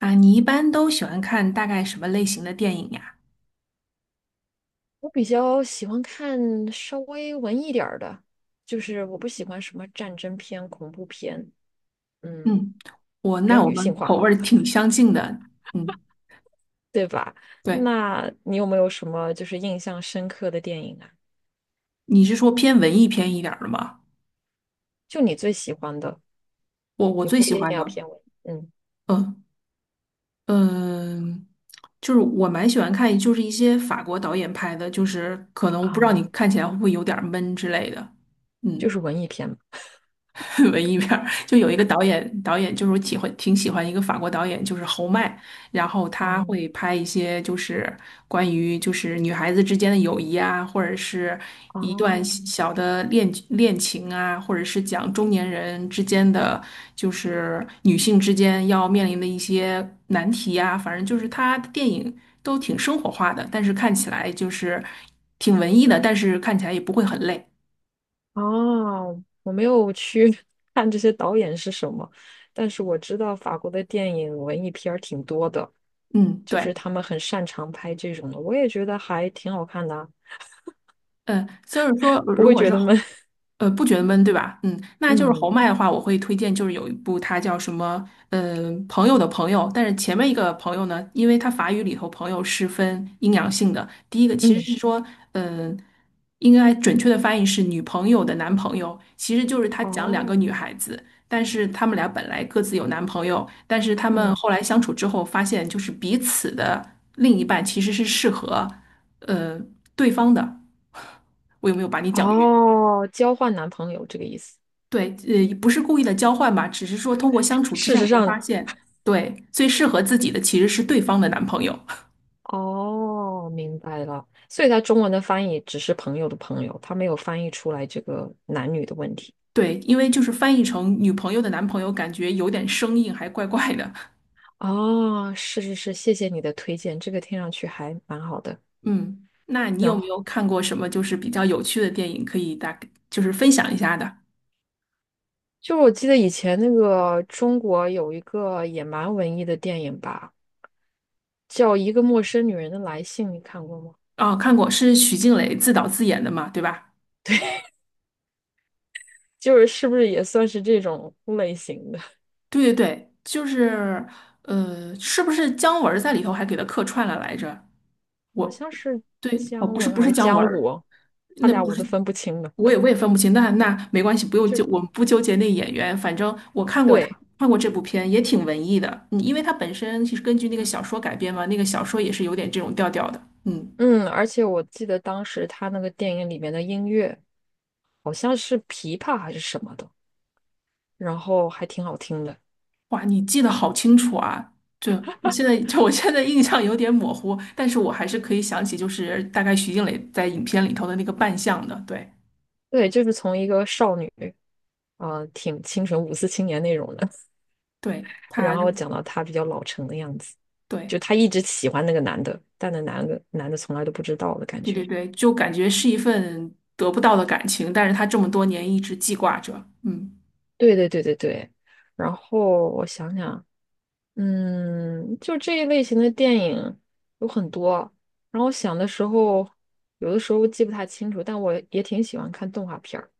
啊，你一般都喜欢看大概什么类型的电影呀？我比较喜欢看稍微文艺点儿的，就是我不喜欢什么战争片、恐怖片，嗯，嗯，比较我女们性口化。味儿挺相近的。嗯，对，那你有没有什么就是印象深刻的电影啊？你是说偏文艺片一点儿的吗？就你最喜欢的，我也最不喜一定欢要的，偏文艺嗯嗯，就是我蛮喜欢看，就是一些法国导演拍的，就是可能不知道啊，你看起来会不会有点儿闷之类的。就嗯。是文艺片嘛。文艺片儿，就有一个导演，导演就是我喜欢挺喜欢一个法国导演，就是侯麦，然后他哦会拍一些就是关于就是女孩子之间的友谊啊，或者是一段小哦，小的恋情啊，或者是讲中年人之间的就是女性之间要面临的一些难题啊，反正就是他的电影都挺生活化的，但是看起来就是挺文艺的，但是看起来也不会很累。哦，我没有去 看这些导演是什么，但是我知道法国的电影文艺片儿挺多的，嗯，就对。是他们很擅长拍这种的，我也觉得还挺好看的啊，嗯，就是说，不如会果觉是得侯闷。不觉得闷，对吧？嗯，那就是侯嗯麦的话，我会推荐，就是有一部它叫什么，朋友的朋友。但是前面一个朋友呢，因为它法语里头朋友是分阴阳性的，第一个其实嗯，是说，嗯、呃应该准确的翻译是女朋友的男朋友，其实就是他讲两个哦，女孩子，但是他们俩本来各自有男朋友，但是他们嗯后来相处之后发现，就是彼此的另一半其实是适合，呃，对方的。我有没有把你讲晕？哦，交换男朋友这个意思。对，不是故意的交换吧，只是说通过相处之事下实才发上，现，对，最适合自己的其实是对方的男朋友。哦，明白了，所以它中文的翻译只是朋友的朋友，它没有翻译出来这个男女的问题。对，因为就是翻译成女朋友的男朋友，感觉有点生硬，还怪怪的。哦，是是是，谢谢你的推荐，这个听上去还蛮好的。嗯，那你然有没后有看过什么就是比较有趣的电影，可以大概就是分享一下的？就我记得以前那个中国有一个也蛮文艺的电影吧，叫《一个陌生女人的来信》，你看过吗？啊，看过，是许静蕾自导自演的嘛，对吧？就是是不是也算是这种类型的？对对对，就是是不是姜文儿在里头还给他客串了来着？好我像是对，哦，姜不是文还是姜文姜儿武，他那俩不我都是，分不清了。我也分不清。那那没关系，不用就纠，我们不纠结那演员。反正我看过他，对，看过这部片，也挺文艺的。嗯，因为他本身其实根据那个嗯小说改编嘛，那个小说也是有点这种调调的。嗯，嗯，而且我记得当时他那个电影里面的音乐好像是琵琶还是什么的，然后还挺好听的。哇，你记得好清楚啊！就就我现在印象有点模糊，但是我还是可以想起，就是大概徐静蕾在影片里头的那个扮相的。对，对，就是从一个少女，挺清纯五四青年那种的，对，他，然后对，讲到她比较老成的样子，就她一直喜欢那个男的，但那男的从来都不知道的感对对觉。对，就感觉是一份得不到的感情，但是他这么多年一直记挂着。嗯。对对对对对。然后我想想，嗯，就这一类型的电影有很多，然后我想的时候，有的时候记不太清楚，但我也挺喜欢看动画片儿。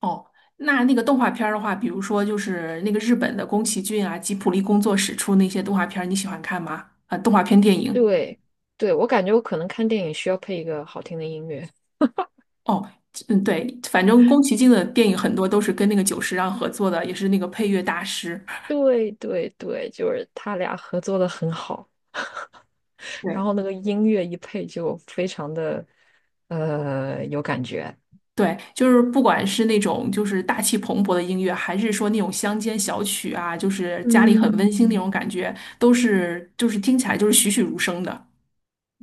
哦，那那个动画片儿的话，比如说就是那个日本的宫崎骏啊、吉卜力工作室出那些动画片儿，你喜欢看吗？啊，动画片电影。对，对，我感觉我可能看电影需要配一个好听的音乐。哦，嗯，对，反正宫崎骏的电影很多都是跟那个久石让合作的，也是那个配乐大师。对对对，就是他俩合作的很好，然对后那个音乐一配就非常的有感觉。对，就是不管是那种就是大气磅礴的音乐，还是说那种乡间小曲啊，就是家里很温馨那种嗯，感觉，都是就是听起来就是栩栩如生的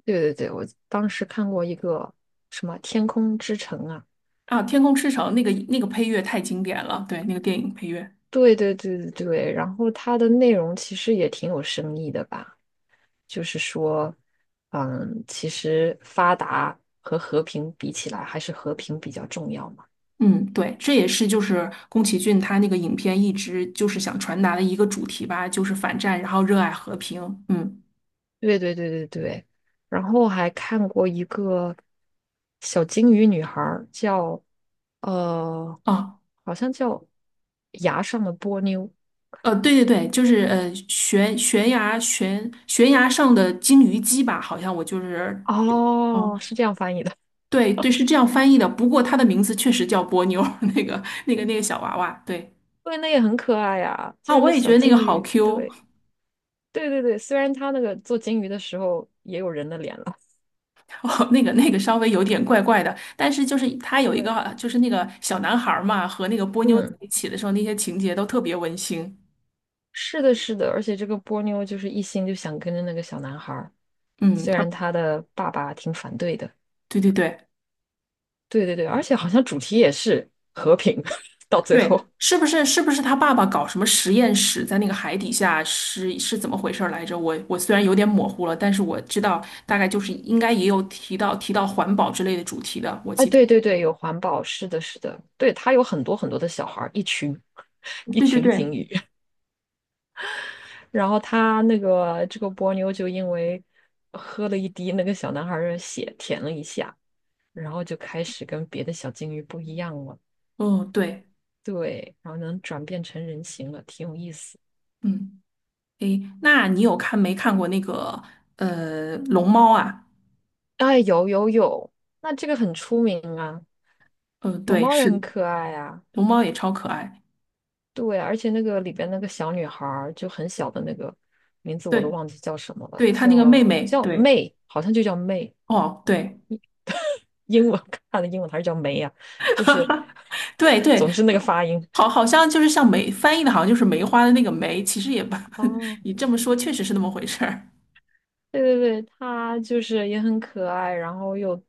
对对对，我当时看过一个什么《天空之城》啊，啊。《天空之城》那个配乐太经典了，对，那个电影配乐。对对对对对，然后它的内容其实也挺有深意的吧，就是说，嗯，其实发达和和平比起来，还是和平比较重要嘛。嗯，对，这也是就是宫崎骏他那个影片一直就是想传达的一个主题吧，就是反战，然后热爱和平。嗯，对对对对对，然后还看过一个小金鱼女孩儿，叫呃，哦，好像叫牙上的波妞，对对对，就是悬崖上的金鱼姬吧，好像我就是，哦，哦，是这样翻译的。对对，是这样翻译的。不过它的名字确实叫波妞儿 那个小娃娃。对对，那也很可爱呀，就啊，是我那也觉小得那个金好 鱼。对 Q。对对对，虽然它那个做金鱼的时候也有人的脸了。哦，那个稍微有点怪怪的，但是就是他有一对，个就是那个小男孩儿嘛，和那个波妞在嗯，一起的时候，那些情节都特别温馨。是的，是的，而且这个波妞就是一心就想跟着那个小男孩儿，嗯，虽他然他的爸爸挺反对的。对对对对对对，而且好像主题也是和平，到最对，后，是不是他爸爸搞什么实验室在那个海底下是怎么回事儿来着？我虽然有点模糊了，但是我知道大概就是应该也有提到环保之类的主题的，我哎，记得。对对对，有环保，是的，是的，对，它有很多很多的小孩儿，一群 一对对群对，鲸鱼，然后他那个这个波妞就因为喝了一滴那个小男孩儿的血，舔了一下，然后就开始跟别的小鲸鱼不一样了，哦对，对，然后能转变成人形了，挺有意思。嗯，诶，那你有看没看过那个龙猫啊？哎，有有有，那这个很出名啊，嗯，龙对，猫也是很可爱啊。龙猫也超可爱，对，而且那个里边那个小女孩儿就很小的那个名字我都对忘记叫什么了，对，它那个妹叫妹，叫 m 对，好像就叫 m 哦，对英文 看的英文还是叫梅呀、就是 对对，总之那个发音。好，好像就是像梅翻译的，好像就是梅花的那个梅，其实也不，哦，你这么说确实是那么回事儿。对对对，她就是也很可爱，然后又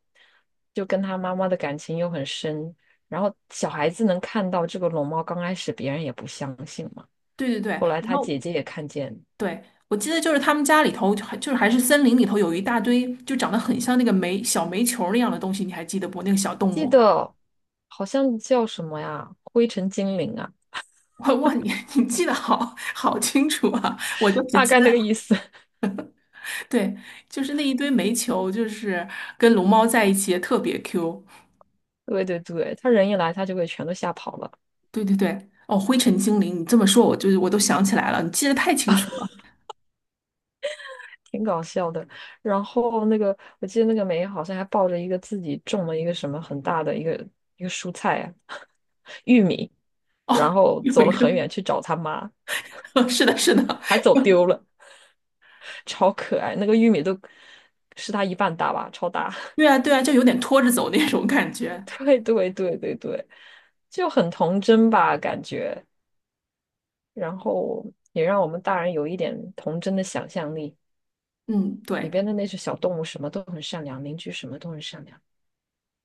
就跟他妈妈的感情又很深，然后小孩子能看到这个龙猫，刚开始别人也不相信嘛，对对对，后来然他后姐姐也看见，对我记得就是他们家里头就就是还是森林里头有一大堆就长得很像那个小煤球儿那样的东西，你还记得不？那个小动记物。得好像叫什么呀，灰尘精灵啊，哇哇，你 你记得好清楚啊！我就只大记概得，那个意思。对，就是那一堆煤球，就是跟龙猫在一起也特别 Q。对对对，他人一来，他就给全都吓跑了，对对对，哦，《灰尘精灵》，你这么说，我就是我都想起来了，你记得太清楚了。挺搞笑的。然后那个，我记得那个梅好像还抱着一个自己种了一个什么很大的一个一个蔬菜啊，玉米，哦，然后有走一了个，很远去找他妈，是的，是的，还走丢了，超可爱。那个玉米都是他一半大吧，超大。对啊，对啊，就有点拖着走那种感觉。对对对对对，就很童真吧，感觉。然后也让我们大人有一点童真的想象力。嗯，里对，边的那些小动物什么都很善良，邻居什么都很善良。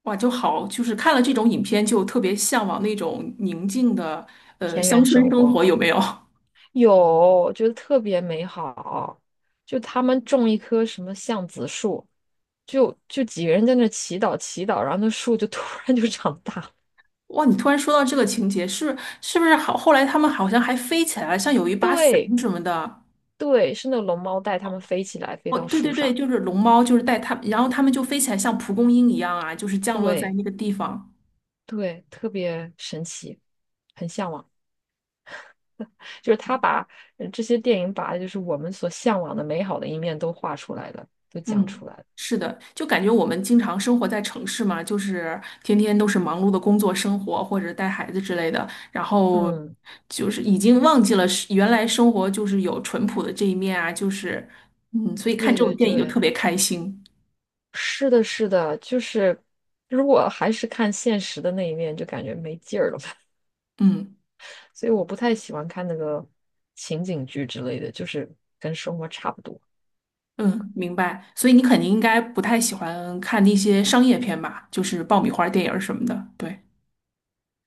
哇，就好，就是看了这种影片，就特别向往那种宁静的田乡园村生生活活，有没有？有，我觉得特别美好。就他们种一棵什么橡子树，就几个人在那祈祷祈祷，然后那树就 突然就长大了。哇，你突然说到这个情节，是不是好？后来他们好像还飞起来了，像有一把伞对什么的。对，是那龙猫带他们飞起来，飞哦，到对树对对，上。就是龙猫，就是带他，然后他们就飞起来，像蒲公英一样啊，就是降落在对那个地方。对，特别神奇，很向往。就是他把这些电影把就是我们所向往的美好的一面都画出来了，都讲嗯，出来了。是的，就感觉我们经常生活在城市嘛，就是天天都是忙碌的工作、生活或者带孩子之类的，然后嗯，就是已经忘记了是原来生活就是有淳朴的这一面啊，就是嗯，所以看对这种对电影就特对，别开心。是的，是的，就是如果还是看现实的那一面，就感觉没劲儿了吧。嗯 所以我不太喜欢看那个情景剧之类的，就是跟生活差不多。嗯，明白。所以你肯定应该不太喜欢看那些商业片吧，就是爆米花电影儿什么的。对。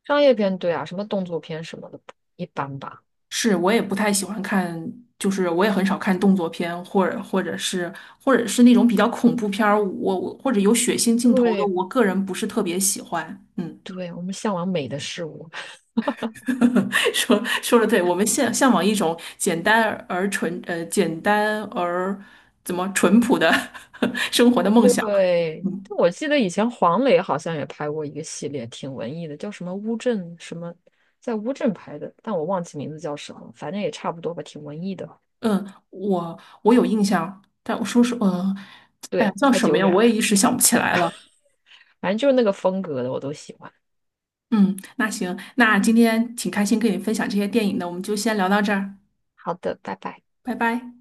商业片，对啊，什么动作片什么的，一般吧。是我也不太喜欢看，就是我也很少看动作片，或者或者是那种比较恐怖片儿，我或者有血腥镜头的，对我个人不是特别喜欢。嗯，对，我们向往美的事物。说的对，我们向往一种简单而怎么淳朴的 生活的梦想。对，嗯我记得以前黄磊好像也拍过一个系列，挺文艺的，叫什么乌镇什么，在乌镇拍的，但我忘记名字叫什么，反正也差不多吧，挺文艺的。嗯，我有印象，但我说是，哎呀对，叫太什么久呀？远我了，也一时想不起来了。反正就是那个风格的，我都喜欢。嗯，那行，那今天挺开心跟你分享这些电影的，我们就先聊到这儿，好的，拜拜。拜拜。